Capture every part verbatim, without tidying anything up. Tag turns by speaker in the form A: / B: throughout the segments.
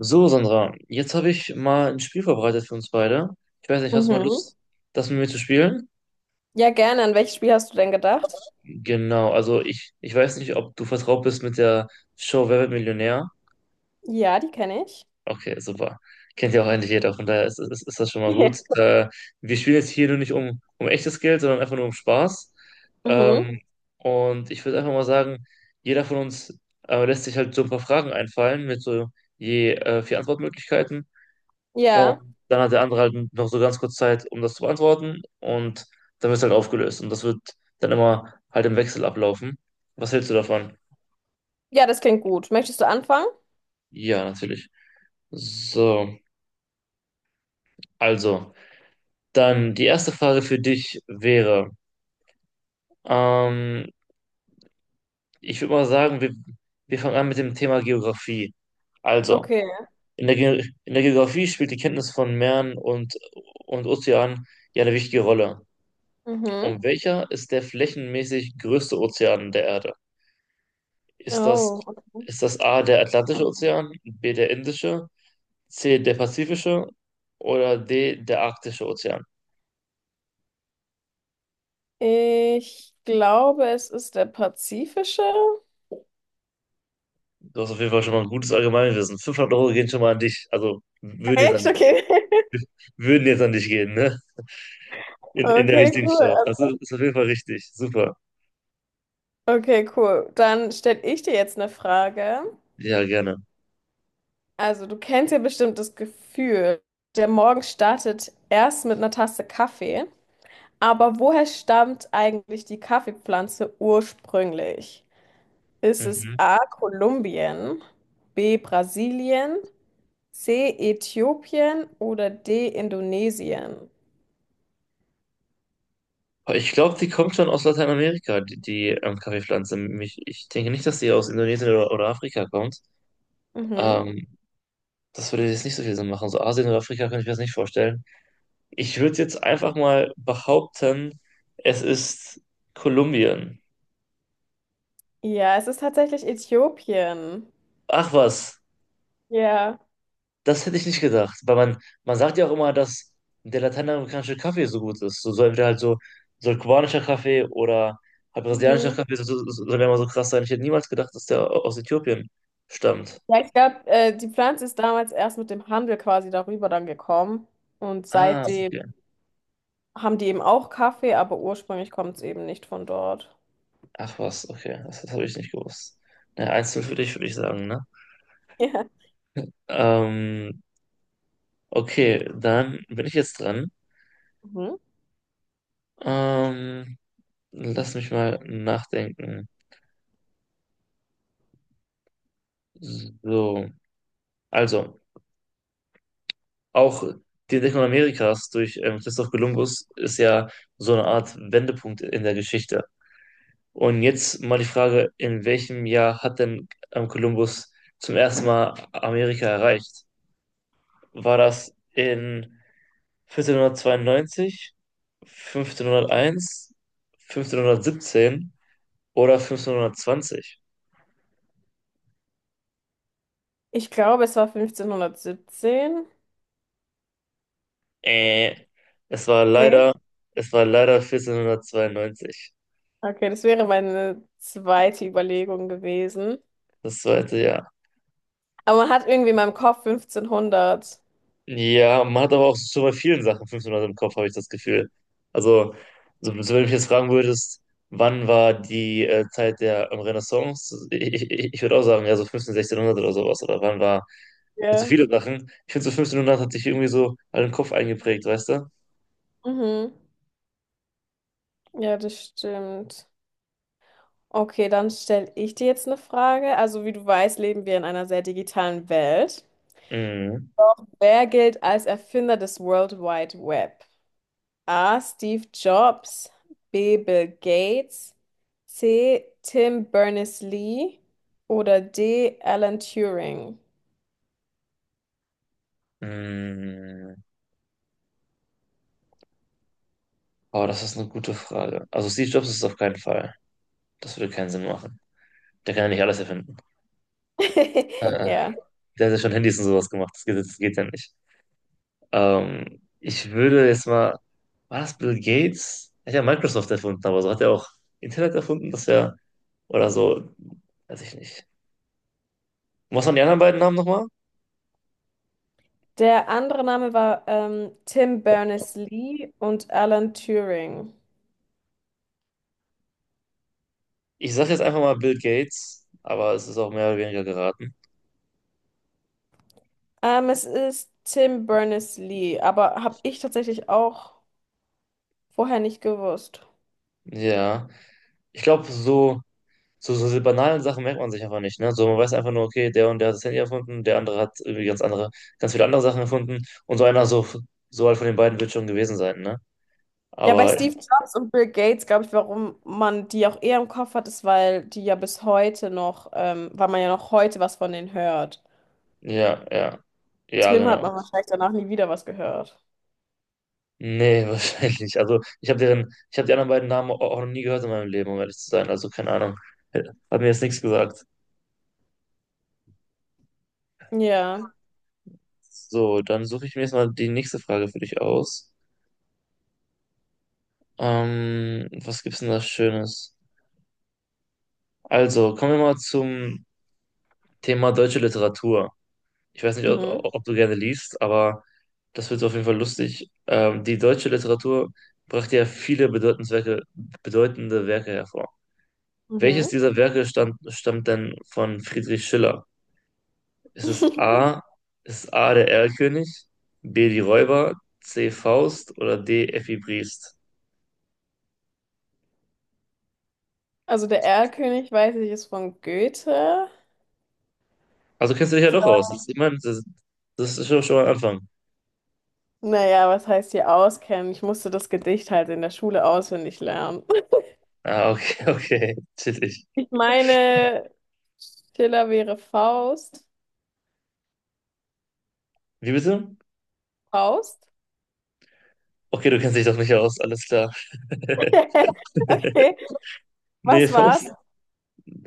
A: So, Sandra, jetzt habe ich mal ein Spiel vorbereitet für uns beide. Ich weiß nicht, hast du mal
B: Mhm.
A: Lust, das mit mir zu spielen?
B: Ja, gerne. An welches Spiel hast du denn gedacht?
A: Genau, also ich, ich weiß nicht, ob du vertraut bist mit der Show Wer wird Millionär?
B: Ja, die kenne ich.
A: Okay, super. Kennt ja auch eigentlich jeder, von daher ist, ist, ist das schon mal gut. Äh, wir spielen jetzt hier nur nicht um, um echtes Geld, sondern einfach nur um Spaß.
B: Ja. Mhm.
A: Ähm, und ich würde einfach mal sagen, jeder von uns äh, lässt sich halt so ein paar Fragen einfallen mit so je äh, vier Antwortmöglichkeiten.
B: Ja.
A: Und dann hat der andere halt noch so ganz kurz Zeit, um das zu beantworten. Und dann wird es halt aufgelöst. Und das wird dann immer halt im Wechsel ablaufen. Was hältst du davon?
B: Ja, das klingt gut. Möchtest du anfangen?
A: Ja, natürlich. So, also, dann die erste Frage für dich wäre, ähm, ich würde mal sagen, wir, wir fangen an mit dem Thema Geografie. Also,
B: Okay.
A: in der, Ge in der Geografie spielt die Kenntnis von Meeren und, und Ozeanen ja eine wichtige Rolle.
B: Mhm.
A: Und welcher ist der flächenmäßig größte Ozean der Erde? Ist das,
B: Oh, okay.
A: Ist das A, der Atlantische Ozean, B, der Indische, C, der Pazifische oder D, der Arktische Ozean?
B: Ich glaube, es ist der pazifische.
A: Du hast auf jeden Fall schon mal ein gutes Allgemeinwissen. fünfhundert Euro gehen schon mal an dich. Also würden jetzt an
B: Echt?
A: dich gehen.
B: Okay.
A: Würden jetzt an dich gehen, ne? In, in der
B: Okay,
A: richtigen Show.
B: cool.
A: Also ist auf jeden Fall richtig. Super.
B: Okay, cool. Dann stelle ich dir jetzt eine Frage.
A: Ja, gerne.
B: Also, du kennst ja bestimmt das Gefühl, der Morgen startet erst mit einer Tasse Kaffee. Aber woher stammt eigentlich die Kaffeepflanze ursprünglich? Ist es
A: Mhm.
B: A. Kolumbien, B. Brasilien, C. Äthiopien oder D. Indonesien?
A: Aber ich glaube, die kommt schon aus Lateinamerika, die, die ähm, Kaffeepflanze. Mich, ich denke nicht, dass die aus Indonesien oder, oder Afrika kommt.
B: Mhm.
A: Ähm, Das würde jetzt nicht so viel Sinn machen. So Asien oder Afrika könnte ich mir das nicht vorstellen. Ich würde jetzt einfach mal behaupten, es ist Kolumbien.
B: Ja, es ist tatsächlich Äthiopien.
A: Ach was,
B: Ja.
A: das hätte ich nicht gedacht. Weil man, man sagt ja auch immer, dass der lateinamerikanische Kaffee so gut ist. So, so entweder halt so, so kubanischer Kaffee oder halt brasilianischer
B: Mhm.
A: Kaffee so, so, so- soll ja immer so krass sein. Ich hätte niemals gedacht, dass der au- aus Äthiopien stammt.
B: Ja, ich glaube, äh, die Pflanze ist damals erst mit dem Handel quasi darüber dann gekommen. Und
A: Ah,
B: seitdem
A: okay.
B: haben die eben auch Kaffee, aber ursprünglich kommt es eben nicht von dort.
A: Ach was, okay. Das, das habe ich nicht gewusst. Na, einzeln für dich, würde ich sagen, ne? Ähm, okay, dann bin ich jetzt dran.
B: Ja. Mhm.
A: Ähm, Lass mich mal nachdenken. So, also auch die Entdeckung Amerikas durch ähm, Christoph Kolumbus ist ja so eine Art Wendepunkt in der Geschichte. Und jetzt mal die Frage, in welchem Jahr hat denn ähm, Kolumbus zum ersten Mal Amerika erreicht? War das in vierzehnhundertzweiundneunzig, fünfzehnhunderteins, fünfzehnhundertsiebzehn oder fünfzehnhundertzwanzig?
B: Ich glaube, es war fünfzehnhundertsiebzehn.
A: Äh, es war
B: Nee?
A: leider, Es war leider vierzehnhundertzweiundneunzig,
B: Okay, das wäre meine zweite Überlegung gewesen.
A: das zweite Jahr.
B: Aber man hat irgendwie in meinem Kopf fünfzehnhundert.
A: Ja, man hat aber auch schon bei vielen Sachen fünfhundert im Kopf, habe ich das Gefühl. Also, so, so wenn du mich jetzt fragen würdest, wann war die äh, Zeit der ähm, Renaissance? Ich, ich, ich würde auch sagen, ja, so fünfzehn, sechzehnhundert oder sowas. Oder wann war, also
B: Ja.
A: viele Sachen. Ich finde, so fünfzehnhundert hat sich irgendwie so all den Kopf eingeprägt, weißt du?
B: Mhm. Ja, das stimmt. Okay, dann stelle ich dir jetzt eine Frage. Also, wie du weißt, leben wir in einer sehr digitalen Welt.
A: Mhm.
B: Wer gilt als Erfinder des World Wide Web? A. Steve Jobs, B. Bill Gates, C. Tim Berners-Lee oder D. Alan Turing.
A: Mhm. Aber das ist eine gute Frage. Also, Steve Jobs ist es auf keinen Fall. Das würde keinen Sinn machen. Der kann ja nicht alles erfinden. Äh,
B: Ja.
A: Der hat ja schon Handys und sowas gemacht. Das geht, das geht ja nicht. Ähm, ich würde jetzt mal, War das Bill Gates? Er hat ja Microsoft erfunden, aber so hat er auch Internet erfunden, das ja, oder so, weiß ich nicht. Was waren die anderen beiden Namen nochmal?
B: Der andere Name war ähm, Tim Berners-Lee und Alan Turing.
A: Ich sage jetzt einfach mal Bill Gates, aber es ist auch mehr oder weniger geraten.
B: Ähm, es ist Tim Berners-Lee, aber habe ich tatsächlich auch vorher nicht gewusst.
A: Ja, ich glaube, so So, so diese banalen Sachen merkt man sich einfach nicht, ne? So, man weiß einfach nur, okay, der und der hat das Handy erfunden, der andere hat irgendwie ganz andere, ganz viele andere Sachen erfunden und so einer so, so halt von den beiden wird schon gewesen sein, ne?
B: Ja, bei
A: Aber
B: Steve Jobs und Bill Gates, glaube ich, warum man die auch eher im Kopf hat, ist, weil die ja bis heute noch, ähm, weil man ja noch heute was von denen hört.
A: ja, ja.
B: Als
A: Ja,
B: Film hat
A: genau.
B: man wahrscheinlich danach nie wieder was gehört.
A: Nee, wahrscheinlich nicht. Also ich habe deren, ich habe die anderen beiden Namen au- auch noch nie gehört in meinem Leben, um ehrlich zu sein. Also keine Ahnung. Hat mir jetzt nichts gesagt.
B: Ja.
A: So, dann suche ich mir jetzt mal die nächste Frage für dich aus. Ähm, was gibt's denn da Schönes? Also, kommen wir mal zum Thema deutsche Literatur. Ich weiß nicht, ob,
B: Mhm.
A: Ob du gerne liest, aber das wird so auf jeden Fall lustig. Ähm, die deutsche Literatur brachte ja viele Bedeutungswerke, bedeutende Werke hervor. Welches
B: Mhm.
A: dieser Werke stammt, stammt denn von Friedrich Schiller? Ist es A, Ist A der Erlkönig, B die Räuber, C Faust oder D Effi Briest?
B: Also der Erlkönig, weiß ich, ist von Goethe.
A: Also kennst du dich ja doch aus. Das- Ich meine, das, das ist schon, schon mal ein Anfang.
B: Naja, was heißt hier auskennen? Ich musste das Gedicht halt in der Schule auswendig lernen.
A: Ah, okay, okay, chillig.
B: Ich meine, Schiller wäre Faust.
A: Wie bitte?
B: Faust?
A: Okay, du kennst dich doch nicht aus, alles klar.
B: Okay,
A: Nee,
B: was war's?
A: Faust.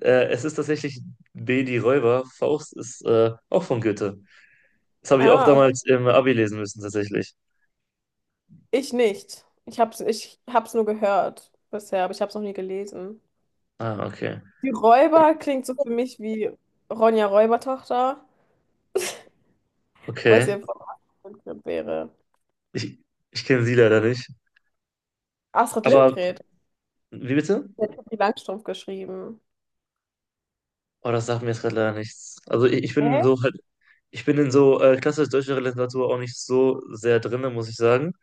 A: Äh, es ist tatsächlich B, die Räuber. Faust ist äh, auch von Goethe. Das habe ich auch
B: Ah,
A: damals im Abi lesen müssen, tatsächlich.
B: Ich nicht. Ich hab's, ich hab's nur gehört bisher, aber ich hab's noch nie gelesen.
A: Ah, okay.
B: Die Räuber klingt so für mich wie Ronja Räubertochter, was ja
A: Okay.
B: von Astrid Lindgren wäre.
A: Ich, Ich kenne sie leider nicht.
B: Astrid
A: Aber,
B: Lindgren,
A: wie bitte?
B: hat die Langstrumpf geschrieben.
A: Oh, das sagt mir jetzt gerade leider nichts. Also ich, ich bin
B: Hä?
A: so halt, ich bin in so äh, klassisch deutscher Literatur auch nicht so sehr drinne, muss ich sagen.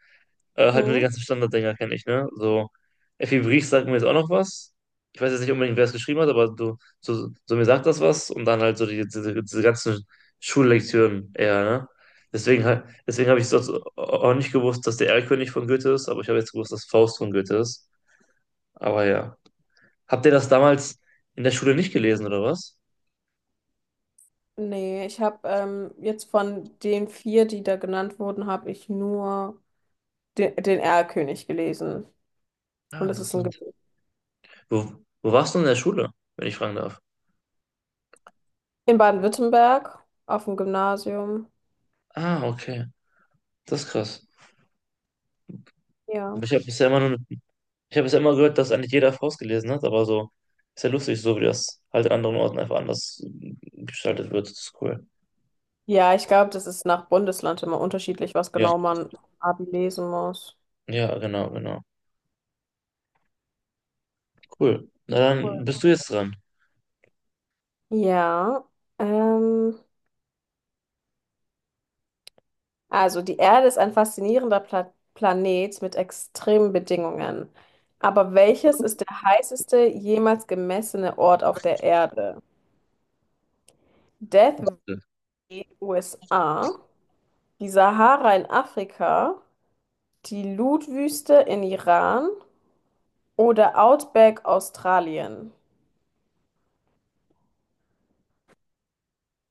A: Äh, halt nur die
B: Mhm.
A: ganzen Standarddinger kenne ich, ne? So, Effi Brief sagt mir jetzt auch noch was. Ich weiß jetzt nicht unbedingt, wer es geschrieben hat, aber du, so, so mir sagt das was und dann halt so die, diese, diese ganzen Schullektüren eher, ne? Deswegen, halt- deswegen habe ich sonst auch nicht gewusst, dass der Erlkönig von Goethe ist, aber ich habe jetzt gewusst, dass Faust von Goethe ist. Aber ja. Habt ihr das damals in der Schule nicht gelesen, oder was?
B: Nee, ich habe ähm, jetzt von den vier, die da genannt wurden, habe ich nur den, den Erlkönig gelesen. Und
A: Ah,
B: das ist ein
A: interessant.
B: Gedicht.
A: Wo, wo warst du in der Schule, wenn ich fragen darf?
B: In Baden-Württemberg, auf dem Gymnasium.
A: Ah, okay. Das ist krass.
B: Ja.
A: Ich habe bisher immer nur Ich habe es ja immer gehört, dass eigentlich jeder Faust gelesen hat, aber so ist ja lustig, so wie das halt in anderen Orten einfach anders äh, gestaltet wird. Das ist cool.
B: Ja, ich glaube, das ist nach Bundesland immer unterschiedlich, was
A: Ja,
B: genau man im Abi lesen muss.
A: ja, genau, genau. Cool. Na
B: Cool.
A: dann bist du jetzt dran.
B: Ja, ähm, also die Erde ist ein faszinierender Pla Planet mit extremen Bedingungen. Aber welches ist der heißeste jemals gemessene Ort auf der Erde? Death Valley,
A: Ja.
B: U S A, die Sahara in Afrika, die Lutt-Wüste in Iran oder Outback Australien?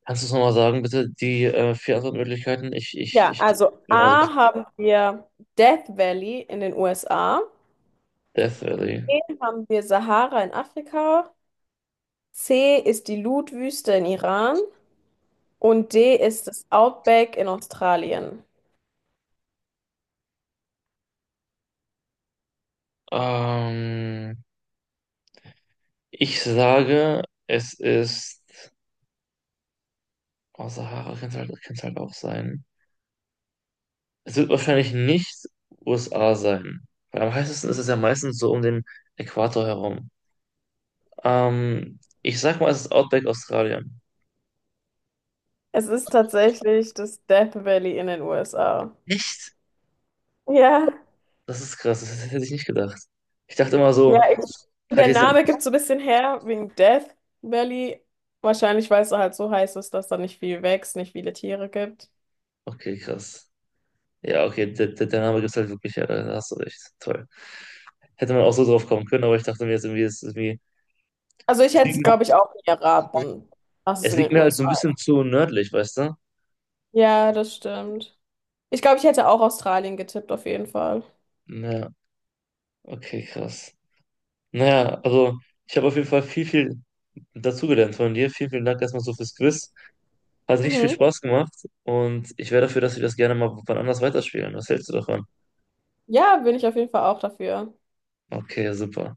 A: Kannst du es nochmal sagen, bitte, die äh, vier Antwortmöglichkeiten? Ich, ich,
B: Ja,
A: ich,
B: also
A: genau, so
B: A haben wir Death Valley in den U S A,
A: Death Valley.
B: B haben wir Sahara in Afrika, C ist die Lut-Wüste in Iran und D ist das Outback in Australien.
A: Ähm, ich sage, es ist, Oh, Sahara kann es halt, kann's halt auch sein. Es wird wahrscheinlich nicht U S A sein. Weil am heißesten ist es ja meistens so um den Äquator herum. Ähm, ich sag mal, es ist Outback Australien.
B: Es ist tatsächlich das Death Valley in den U S A.
A: Echt?
B: Ja,
A: Das ist krass, das hätte ich nicht gedacht. Ich dachte immer
B: ja,
A: so,
B: ich,
A: halt
B: der
A: jetzt.
B: Name gibt so ein bisschen her wegen Death Valley. Wahrscheinlich, weil es halt so heiß ist, dass da nicht viel wächst, nicht viele Tiere gibt.
A: Okay, krass. Ja, okay, der, der, der Name gibt halt wirklich, ja, da hast du recht. Toll. Hätte man auch so drauf kommen können, aber ich dachte mir jetzt irgendwie, es ist irgendwie.
B: Also ich
A: Es
B: hätte es,
A: liegt,
B: glaube ich, auch nie erraten, was es
A: Es
B: in
A: liegt
B: den
A: mir halt so ein
B: U S A.
A: bisschen zu nördlich, weißt du?
B: Ja, das stimmt. Ich glaube, ich hätte auch Australien getippt, auf jeden Fall.
A: Ja, okay, krass. Naja, also ich habe auf jeden Fall viel, viel dazugelernt von dir. Vielen, vielen Dank erstmal so fürs Quiz. Hat richtig viel
B: Mhm.
A: Spaß gemacht und ich wäre dafür, dass wir das gerne mal wann anders weiterspielen. Was hältst du davon?
B: Ja, bin ich auf jeden Fall auch dafür.
A: Okay, super.